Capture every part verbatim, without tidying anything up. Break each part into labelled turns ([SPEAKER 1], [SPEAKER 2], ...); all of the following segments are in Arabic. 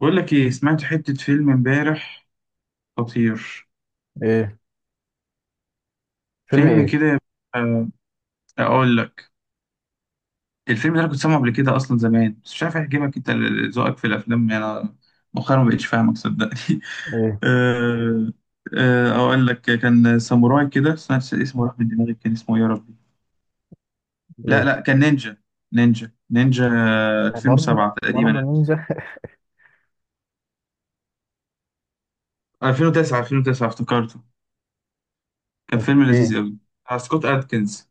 [SPEAKER 1] بقول لك ايه؟ سمعت حتة فيلم امبارح خطير.
[SPEAKER 2] ايه؟ فيلم
[SPEAKER 1] فيلم
[SPEAKER 2] ايه؟
[SPEAKER 1] كده. آه، اقول لك، الفيلم ده انا كنت سامعه قبل كده اصلا زمان، بس مش عارف اعجبك انت، ال- ذوقك في الافلام. يعني انا مؤخرا ما بقتش فاهمك صدقني.
[SPEAKER 2] ايه،
[SPEAKER 1] آه، آه، اقول لك، كان ساموراي كده، بس أنا اسمه راح من دماغي. كان اسمه إيه يا ربي؟ لا
[SPEAKER 2] ايه،
[SPEAKER 1] لا، كان نينجا. نينجا نينجا.
[SPEAKER 2] برضه
[SPEAKER 1] ألفين وسبعة
[SPEAKER 2] برضه
[SPEAKER 1] تقريبا.
[SPEAKER 2] نينجا؟
[SPEAKER 1] الفين وتسعه، الفين وتسعه افتكرته. كان فيلم
[SPEAKER 2] اوكي.
[SPEAKER 1] لذيذ قوي، بتاع سكوت ادكنز.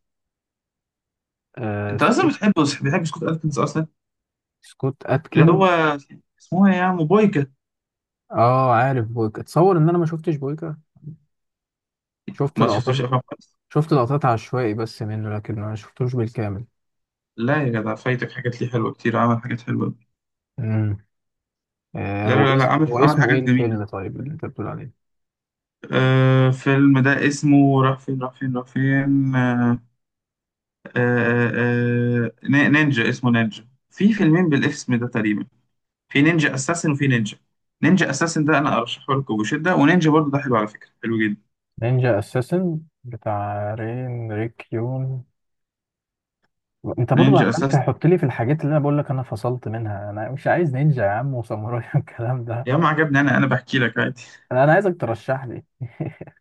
[SPEAKER 2] آه،
[SPEAKER 1] انت اصلا
[SPEAKER 2] سكوت.
[SPEAKER 1] بتحب، بتحب سكوت ادكنز اصلا.
[SPEAKER 2] سكوت
[SPEAKER 1] اللي
[SPEAKER 2] اتكن.
[SPEAKER 1] هو اسمها ايه يا عم؟ بويكا.
[SPEAKER 2] اه، عارف بويكا. اتصور ان انا ما شفتش بويكا. شفت
[SPEAKER 1] ما
[SPEAKER 2] لقطات.
[SPEAKER 1] شفتوش افلام خالص؟
[SPEAKER 2] شفت لقطات عشوائي بس منه، لكن ما شفتوش بالكامل.
[SPEAKER 1] لا يا جدع، فايتك حاجات ليه حلوه كتير، عمل حاجات حلوه أوي.
[SPEAKER 2] امم. آه،
[SPEAKER 1] لا لا
[SPEAKER 2] هو
[SPEAKER 1] لا لا،
[SPEAKER 2] اسم
[SPEAKER 1] عمل
[SPEAKER 2] هو
[SPEAKER 1] عمل
[SPEAKER 2] اسمه ايه
[SPEAKER 1] حاجات جميله.
[SPEAKER 2] الفيلم طيب اللي انت بتقول عليه؟
[SPEAKER 1] آه، فيلم ده اسمه راح فين، راح فين، راح فين. آه، آه آه، ن- نينجا، اسمه نينجا. في فيلمين بالاسم ده تقريبا. في نينجا اساسن وفي نينجا. نينجا اساسن ده انا ارشحه لكم بشده، ونينجا برضه ده حلو على فكره، حلو جدا.
[SPEAKER 2] نينجا اساسن بتاع رين ريك يون. انت برضه
[SPEAKER 1] نينجا
[SPEAKER 2] عمال
[SPEAKER 1] اساسن.
[SPEAKER 2] تحط لي في الحاجات اللي انا بقول لك انا فصلت منها. انا مش عايز نينجا يا عم، وساموراي والكلام ده.
[SPEAKER 1] يا عم عجبني، انا انا بحكي لك عادي.
[SPEAKER 2] انا أنا عايزك ترشح لي.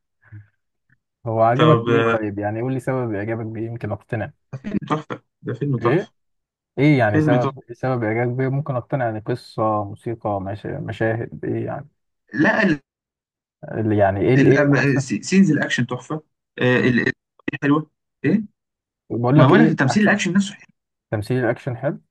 [SPEAKER 2] هو عجبك
[SPEAKER 1] طب
[SPEAKER 2] ليه
[SPEAKER 1] آه،
[SPEAKER 2] طيب؟ يعني قول لي سبب اعجابك بيه يمكن اقتنع.
[SPEAKER 1] فيلم تحفه، ده فيلم
[SPEAKER 2] ايه؟
[SPEAKER 1] تحفه.
[SPEAKER 2] ايه يعني؟
[SPEAKER 1] فيلم تحفه.
[SPEAKER 2] سبب سبب اعجابك بيه ممكن اقتنع، يعني قصة، موسيقى، مشا- مشاهد، ايه يعني؟
[SPEAKER 1] لا،
[SPEAKER 2] اللي يعني ايه؟ اللي ايه
[SPEAKER 1] ال-
[SPEAKER 2] احسن؟
[SPEAKER 1] س- سينز الاكشن تحفه. آه، ال- ال- حلوه. ايه؟
[SPEAKER 2] بقول
[SPEAKER 1] ما
[SPEAKER 2] لك
[SPEAKER 1] بقول لك،
[SPEAKER 2] ايه
[SPEAKER 1] التمثيل
[SPEAKER 2] احسن.
[SPEAKER 1] الاكشن نفسه حلو.
[SPEAKER 2] تمثيل الاكشن حلو.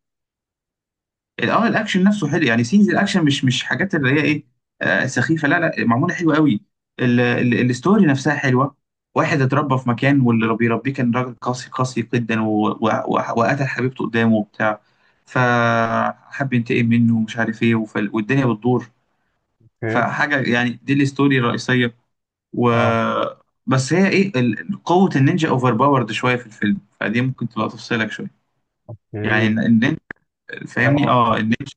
[SPEAKER 1] ال- اه الاكشن نفسه حلو، يعني سينز الاكشن مش مش حاجات اللي هي ايه، آه، سخيفه. لا لا، معموله حلوه قوي. ال- ال- الستوري نفسها حلوه. واحد اتربى في مكان، واللي بيربيه كان راجل قاسي، قاسي جدا، و- و- و- وقتل حبيبته قدامه وبتاع، فحب ينتقم منه ومش عارف ايه، وف- والدنيا بتدور.
[SPEAKER 2] اوكي،
[SPEAKER 1] فحاجه، يعني دي الستوري الرئيسيه. و
[SPEAKER 2] اه،
[SPEAKER 1] بس هي ايه، ال- قوة النينجا اوفر باورد شوية في الفيلم، فدي ممكن تبقى تفصلك شوية.
[SPEAKER 2] اوكي.
[SPEAKER 1] يعني الن- النينجا، فاهمني؟
[SPEAKER 2] آه.
[SPEAKER 1] اه النينجا.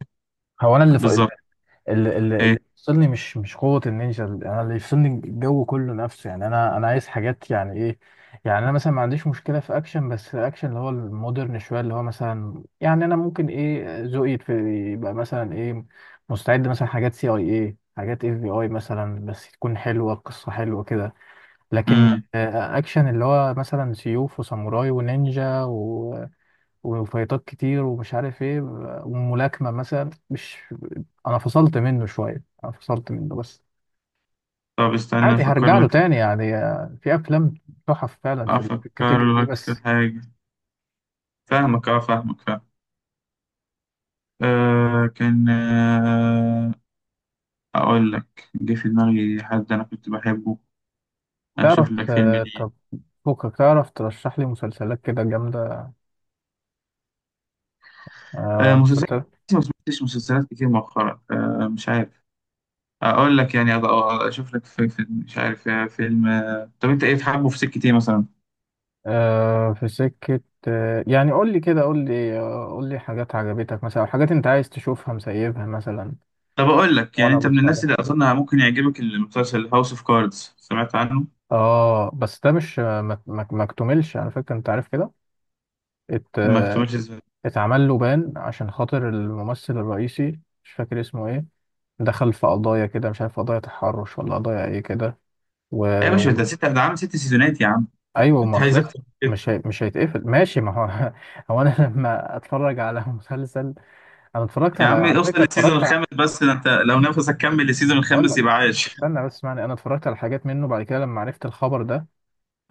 [SPEAKER 2] هو انا اللي ف...
[SPEAKER 1] بالظبط.
[SPEAKER 2] اللي, اللي
[SPEAKER 1] إيه؟
[SPEAKER 2] اللي يفصلني مش مش قوة النينجا، انا اللي يفصلني الجو كله نفسه. يعني انا انا عايز حاجات يعني ايه. يعني انا مثلا ما عنديش مشكلة في اكشن، بس اكشن اللي هو المودرن شوية، اللي هو مثلا يعني انا ممكن ايه ذوقي في- يبقى مثلا ايه. مستعد مثلا حاجات سي اي ايه، حاجات اف بي اي مثلا، بس تكون حلوة، القصة حلوة كده. لكن
[SPEAKER 1] امم
[SPEAKER 2] آه، اكشن اللي هو مثلا سيوف وساموراي ونينجا و... وفايتات كتير ومش عارف ايه، وملاكمة مثلا، مش. انا فصلت منه شوية، انا فصلت منه، بس
[SPEAKER 1] طب استنى
[SPEAKER 2] عادي
[SPEAKER 1] افكر
[SPEAKER 2] هرجع له
[SPEAKER 1] لك.
[SPEAKER 2] تاني. يعني آه، في افلام تحف فعلا في ال- في
[SPEAKER 1] افكر
[SPEAKER 2] الكاتيجوري دي،
[SPEAKER 1] لك في
[SPEAKER 2] بس.
[SPEAKER 1] حاجة. فاهمك، اه فاهمك، فاهم. آه كان آه، اقول لك، جه في دماغي حد انا كنت بحبه. اشوف لك
[SPEAKER 2] تعرف
[SPEAKER 1] فيلم
[SPEAKER 2] آه،
[SPEAKER 1] ليه.
[SPEAKER 2] طب، فكك. تعرف ترشح لي مسلسلات كده جامدة؟ آه،
[SPEAKER 1] آه مسلسلات،
[SPEAKER 2] مسلسل.
[SPEAKER 1] ما سمعتش مسلسلات كتير مؤخرا، آه مش عارف. اقول لك يعني أض- أض- اشوف لك في, في مش عارف، آه، فيلم. آه، طب انت ايه بتحبه؟ في سكة ايه مثلا؟
[SPEAKER 2] آه، في سكة. آه، يعني قول لي كده، قول لي آه، قول لي حاجات عجبتك مثلا، أو حاجات انت عايز تشوفها مسيبها مثلا.
[SPEAKER 1] طب اقول لك، يعني
[SPEAKER 2] ولا
[SPEAKER 1] انت من
[SPEAKER 2] بص
[SPEAKER 1] الناس
[SPEAKER 2] عليه.
[SPEAKER 1] اللي اظن ممكن يعجبك المسلسل هاوس اوف كاردز. سمعت عنه؟
[SPEAKER 2] اه، بس ده مش ما ما- ما اكتملش على فكرة، انت عارف كده. ات
[SPEAKER 1] ما كتبتش ازاي؟ ايوه.
[SPEAKER 2] اتعمل له بان عشان خاطر الممثل الرئيسي، مش فاكر اسمه ايه، دخل في قضايا كده مش عارف، قضايا تحرش ولا قضايا ايه كده، و...
[SPEAKER 1] يا باشا
[SPEAKER 2] و...
[SPEAKER 1] ده ست، ده عامل ست سيزونات يا عم.
[SPEAKER 2] ايوه،
[SPEAKER 1] انت
[SPEAKER 2] ما
[SPEAKER 1] عايز
[SPEAKER 2] خلص.
[SPEAKER 1] اكتر من
[SPEAKER 2] مش
[SPEAKER 1] كده؟
[SPEAKER 2] هي... مش هيتقفل ماشي، ما هو هو انا لما اتفرج على مسلسل، انا اتفرجت
[SPEAKER 1] يا
[SPEAKER 2] على،
[SPEAKER 1] عم
[SPEAKER 2] على
[SPEAKER 1] اوصل
[SPEAKER 2] فكرة
[SPEAKER 1] للسيزون
[SPEAKER 2] اتفرجت ع-
[SPEAKER 1] الخامس بس، ده انت لو نفسك كمل للسيزون
[SPEAKER 2] هقول
[SPEAKER 1] الخامس
[SPEAKER 2] لك،
[SPEAKER 1] يبقى عايش.
[SPEAKER 2] استنى بس، اسمعني. انا اتفرجت على حاجات منه بعد كده لما عرفت الخبر ده،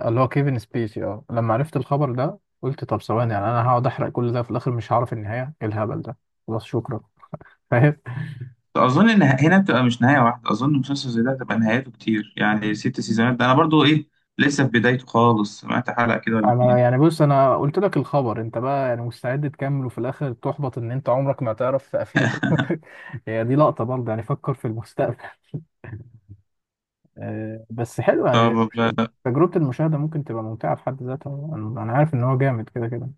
[SPEAKER 2] اللي هو كيفن سبيسي. اه، لما عرفت الخبر ده قلت، طب ثواني، يعني انا هقعد احرق كل ده في الاخر مش هعرف النهايه ايه؟ الهبل ده؟ خلاص، شكرا. فاهم.
[SPEAKER 1] اظن ان هنا بتبقى مش نهايه واحده، اظن مسلسل زي ده هتبقى نهايته كتير، يعني ست سيزونات. ده انا برضو ايه، لسه في بدايته خالص، سمعت حلقه كده ولا
[SPEAKER 2] انا
[SPEAKER 1] اتنين.
[SPEAKER 2] يعني بص، انا قلت لك الخبر، انت بقى يعني مستعد تكمل وفي الاخر تحبط ان انت عمرك ما تعرف قفلته. هي دي لقطه برضه، يعني فكر في المستقبل. آه، بس حلو يعني،
[SPEAKER 1] طب
[SPEAKER 2] مش- تجربه المشاهده ممكن تبقى ممتعه في حد ذاتها. انا أنا عارف ان هو جامد كده كده.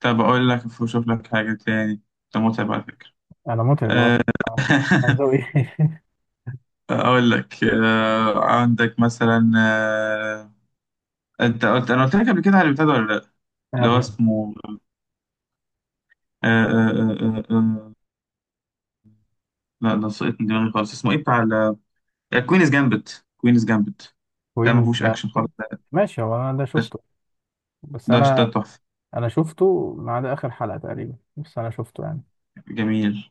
[SPEAKER 1] طب أقول لك، أشوف لك حاجة تاني. ده متعب على فكرة.
[SPEAKER 2] انا متعب، اه. آه، عاوز أقول إيه؟
[SPEAKER 1] أقول لك آه، عندك مثلا، آه، أنت قلت، أنا قلت لك قبل كده على البتاع ده ولا لأ؟ اللي هو
[SPEAKER 2] يعني
[SPEAKER 1] اسمه، آه، آه، آه، آه، آه، لا، ده سقط من دماغي خالص. اسمه إيه بتاع؟ كوينز جامبت، كوينز جامبت. ده ما
[SPEAKER 2] كوين
[SPEAKER 1] فيهوش أكشن خالص
[SPEAKER 2] جامد،
[SPEAKER 1] ده.
[SPEAKER 2] ماشي. هو انا ده
[SPEAKER 1] ده
[SPEAKER 2] شفته، بس
[SPEAKER 1] ده ده
[SPEAKER 2] انا
[SPEAKER 1] تحفة.
[SPEAKER 2] انا شفته ما عدا اخر حلقة تقريبا، بس انا شفته يعني.
[SPEAKER 1] جميل.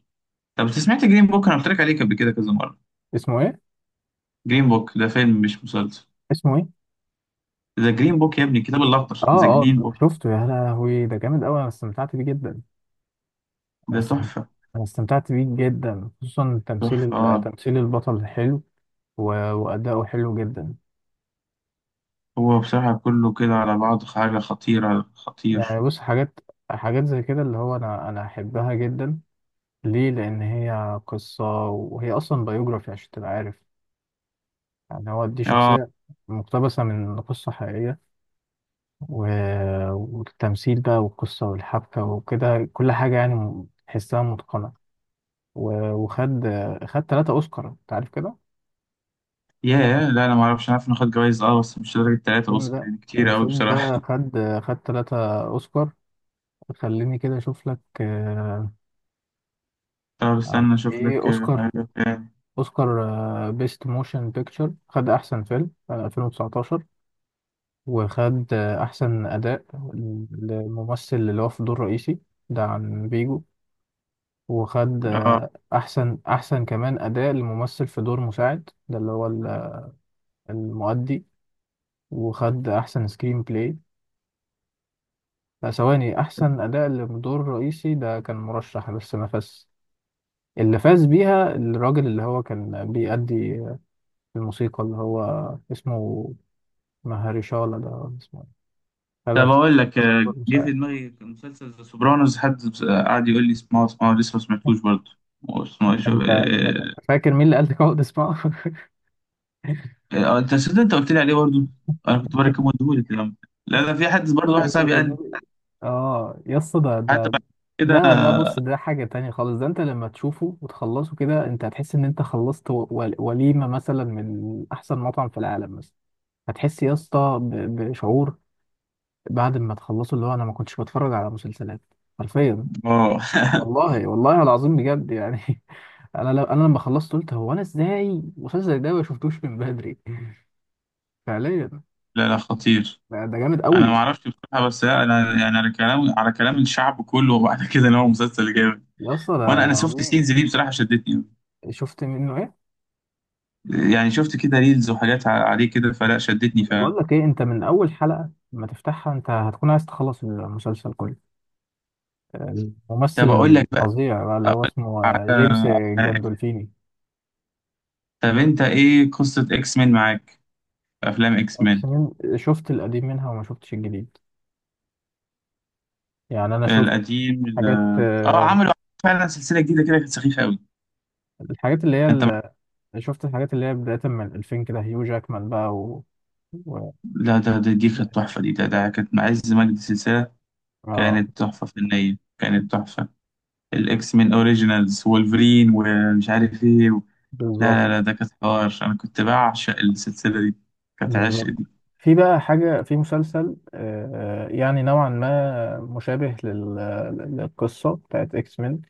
[SPEAKER 1] طب أنت سمعت جرين بوك؟ أنا قلت لك عليه قبل كده كذا مرة.
[SPEAKER 2] اسمه ايه؟
[SPEAKER 1] جرين بوك، ده فيلم مش مسلسل.
[SPEAKER 2] اسمه ايه؟
[SPEAKER 1] ذا جرين بوك، يا ابني الكتاب الأخضر،
[SPEAKER 2] اه،
[SPEAKER 1] ذا
[SPEAKER 2] اه،
[SPEAKER 1] جرين بوك.
[SPEAKER 2] شفته، يا لهوي، ده جامد قوي. انا استمتعت بيه جدا. انا
[SPEAKER 1] ده
[SPEAKER 2] استم-
[SPEAKER 1] تحفة.
[SPEAKER 2] أنا استمتعت بيه جدا، خصوصا تمثيل
[SPEAKER 1] تحفة
[SPEAKER 2] ال-
[SPEAKER 1] آه.
[SPEAKER 2] تمثيل البطل حلو. و- واداؤه حلو جدا.
[SPEAKER 1] هو بصراحة كله كده على بعض حاجة خطيرة،
[SPEAKER 2] يعني
[SPEAKER 1] خطير.
[SPEAKER 2] بص، حاجات حاجات زي كده اللي هو انا انا احبها جدا. ليه؟ لان هي قصة، وهي اصلا بايوجرافي عشان تبقى عارف، يعني هو دي
[SPEAKER 1] اه
[SPEAKER 2] شخصية مقتبسة من قصة حقيقية. و- والتمثيل بقى والقصة والحبكة وكده، كل حاجة يعني تحسها متقنة. و- وخد خد تلاتة أوسكار، أنت عارف كده.
[SPEAKER 1] ياه، لا انا ما اعرفش، عارف ناخد جوائز اه، بس مش درجة تلاتة
[SPEAKER 2] الفيلم
[SPEAKER 1] اوسكار،
[SPEAKER 2] ده
[SPEAKER 1] يعني كتير قوي
[SPEAKER 2] الفيلم ده
[SPEAKER 1] بصراحة.
[SPEAKER 2] خد خد تلاتة أوسكار. خليني كده أشوف لك. آه،
[SPEAKER 1] طب
[SPEAKER 2] عن
[SPEAKER 1] استنى اشوف
[SPEAKER 2] إيه
[SPEAKER 1] لك آه،
[SPEAKER 2] أوسكار؟
[SPEAKER 1] حاجة تاني.
[SPEAKER 2] أوسكار بيست موشن بيكتشر. خد أحسن فيلم سنة ألفين وتسعة عشر، وخد آه، أحسن أداء للممثل اللي هو في دور رئيسي، ده عن بيجو. وخد
[SPEAKER 1] اه
[SPEAKER 2] آه، أحسن أحسن كمان أداء لممثل في دور مساعد، ده اللي هو ال- المؤدي. وخد أحسن سكرين بلاي. لا، ثواني، أحسن أداء لدور رئيسي ده كان مرشح بس ما فاز، اللي فاز بيها الراجل اللي هو كان بيأدي الموسيقى، اللي هو اسمه مهرشالا، ده ولا اسمه إيه؟
[SPEAKER 1] طب
[SPEAKER 2] هدف
[SPEAKER 1] اقول لك، آه،
[SPEAKER 2] دور
[SPEAKER 1] جه في
[SPEAKER 2] مساعد.
[SPEAKER 1] دماغي مسلسل ذا سوبرانوز. حد بس- آه، قعد يقول لي اسمعه اسمعه، لسه ما سمعتوش برضه. اسمه شوف
[SPEAKER 2] أنت
[SPEAKER 1] اه.
[SPEAKER 2] أنت فاكر مين اللي قال لك اقعد اسمعه؟
[SPEAKER 1] آه، انت صدق، انت قلت لي عليه برضه. انا كنت بركبه لك كده. لا لا، في حد برضه واحد صاحبي قال لي.
[SPEAKER 2] اه يا اسطى، ده
[SPEAKER 1] حد
[SPEAKER 2] ده
[SPEAKER 1] بعد كده.
[SPEAKER 2] ده ده بص، ده حاجة تانية خالص. ده انت لما تشوفه وتخلصه كده، انت هتحس ان انت خلصت و- ول- وليمة مثلا من احسن مطعم في العالم مثلا. هتحس يا اسطى ب- بشعور بعد ما تخلصه، اللي هو انا ما كنتش بتفرج على مسلسلات حرفيا،
[SPEAKER 1] اه
[SPEAKER 2] والله والله العظيم بجد يعني. انا، لو انا لما خلصت قلت، هو انا ازاي المسلسل ده ما شفتوش من بدري؟ فعليا،
[SPEAKER 1] لا لا خطير.
[SPEAKER 2] ده ده جامد
[SPEAKER 1] انا ما
[SPEAKER 2] قوي.
[SPEAKER 1] اعرفش بصراحه، بس انا يعني على كلام، على كلام الشعب كله وبعد كده ان هو مسلسل جامد.
[SPEAKER 2] يا اسطى،
[SPEAKER 1] وانا
[SPEAKER 2] ده
[SPEAKER 1] انا
[SPEAKER 2] ده
[SPEAKER 1] شفت سينز
[SPEAKER 2] عظيم.
[SPEAKER 1] دي بصراحه شدتني أوي.
[SPEAKER 2] شفت منه إيه؟
[SPEAKER 1] يعني شفت كده ريلز وحاجات ع- عليه كده فلا، شدتني
[SPEAKER 2] بقول
[SPEAKER 1] فعلا.
[SPEAKER 2] لك ايه، انت من اول حلقة ما تفتحها، انت هتكون عايز تخلص المسلسل كله. الممثل
[SPEAKER 1] طب اقول لك بقى،
[SPEAKER 2] الفظيع بقى اللي
[SPEAKER 1] أقول
[SPEAKER 2] هو
[SPEAKER 1] لك
[SPEAKER 2] اسمه
[SPEAKER 1] على
[SPEAKER 2] آه، جيمس
[SPEAKER 1] حاجه.
[SPEAKER 2] جاندولفيني.
[SPEAKER 1] طب انت ايه قصه اكس مان معاك؟ افلام اكس مان.
[SPEAKER 2] اقسم، شفت القديم منها وما شفتش الجديد. يعني انا شفت
[SPEAKER 1] القديم ال-
[SPEAKER 2] حاجات.
[SPEAKER 1] اه
[SPEAKER 2] آه،
[SPEAKER 1] عملوا فعلا سلسله جديده كده كانت سخيفه قوي.
[SPEAKER 2] الحاجات اللي هي
[SPEAKER 1] انت مع-
[SPEAKER 2] ال- شفت الحاجات اللي هي بداية من ألفين كده، هيو جاكمان بقى و... و...
[SPEAKER 1] لا ده ده- دي كانت تحفه. دي ده, ده كانت مع عز مجد سلسله،
[SPEAKER 2] اه،
[SPEAKER 1] كانت تحفه فنيه، كانت تحفه. الاكس مان اوريجينالز، وولفرين ومش عارف ايه و...
[SPEAKER 2] بالظبط.
[SPEAKER 1] لا لا لا، ده كانت حوار. انا كنت بعشق السلسله دي، كانت عشق
[SPEAKER 2] بالظبط،
[SPEAKER 1] دي.
[SPEAKER 2] في بقى حاجة في مسلسل آه، يعني نوعا ما مشابه لل- للقصة بتاعت اكس مان،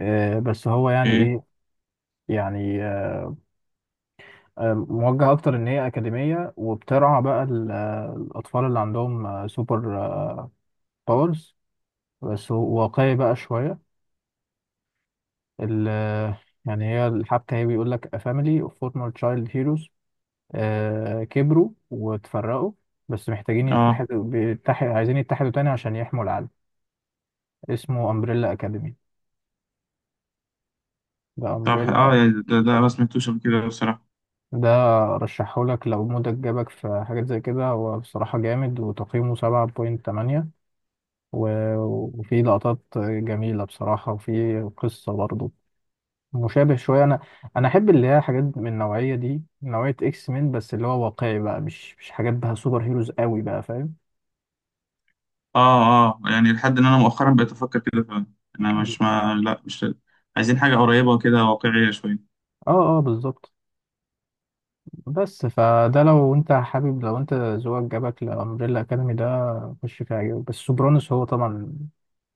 [SPEAKER 2] آه، بس هو يعني
[SPEAKER 1] ايه؟
[SPEAKER 2] ايه، يعني آه، آه، موجه اكتر ان هي اكاديميه، وبترعى بقى ال- آه، الاطفال اللي عندهم آه، سوبر آه، باورز، بس هو واقعي بقى شويه. ال- آه، يعني هي الحبكه، هي بيقول لك A family of former child heroes، آه، كبروا وتفرقوا، بس محتاجين
[SPEAKER 1] اه
[SPEAKER 2] يتحدوا، بيتحد عايزين يتحدوا تاني عشان يحموا العالم. اسمه امبريلا اكاديمي، ده
[SPEAKER 1] طب اه،
[SPEAKER 2] امبريلا.
[SPEAKER 1] يعني ده, ده ما سمعتوش قبل كده بصراحه.
[SPEAKER 2] ده رشحهولك لو مودك جابك في حاجات زي كده، هو بصراحة جامد وتقييمه سبعة بوينت تمانية. و- وفي لقطات جميلة بصراحة، وفي قصة برضه مشابه شوية. أنا أنا أحب اللي هي حاجات من النوعية دي، نوعية إكس مين، بس اللي هو واقعي بقى، مش مش حاجات بقى سوبر هيروز قوي بقى، فاهم.
[SPEAKER 1] اه اه، يعني لحد ان انا مؤخرا بقيت افكر كده فعلا. انا مش ما لا مش، عايزين حاجه قريبه كده واقعيه شويه.
[SPEAKER 2] اه، اه، بالظبط. بس فده، لو انت حابب، لو انت ذوقك جابك لأمبريلا أكاديمي ده، خش فيها عجبك. بس سوبرانوس هو طبعا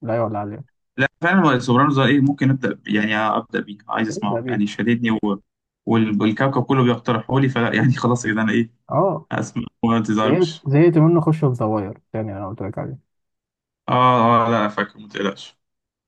[SPEAKER 2] لا يعلى عليه.
[SPEAKER 1] لا فعلا سوبرانوس ده ايه، ممكن ابدا ب- يعني ابدا بيه، عايز
[SPEAKER 2] ده
[SPEAKER 1] اسمعه
[SPEAKER 2] بيه
[SPEAKER 1] يعني شددني و... وال- والكوكب كله بيقترحوا لي، فلا يعني
[SPEAKER 2] ابدأ.
[SPEAKER 1] خلاص كده انا ايه،
[SPEAKER 2] اه،
[SPEAKER 1] اسمع وما
[SPEAKER 2] زهقت
[SPEAKER 1] تزعلوش.
[SPEAKER 2] زهقت منه، خش في زواير يعني، انا قلت لك عليه.
[SPEAKER 1] اه اه لا فاكر، ما تقلقش.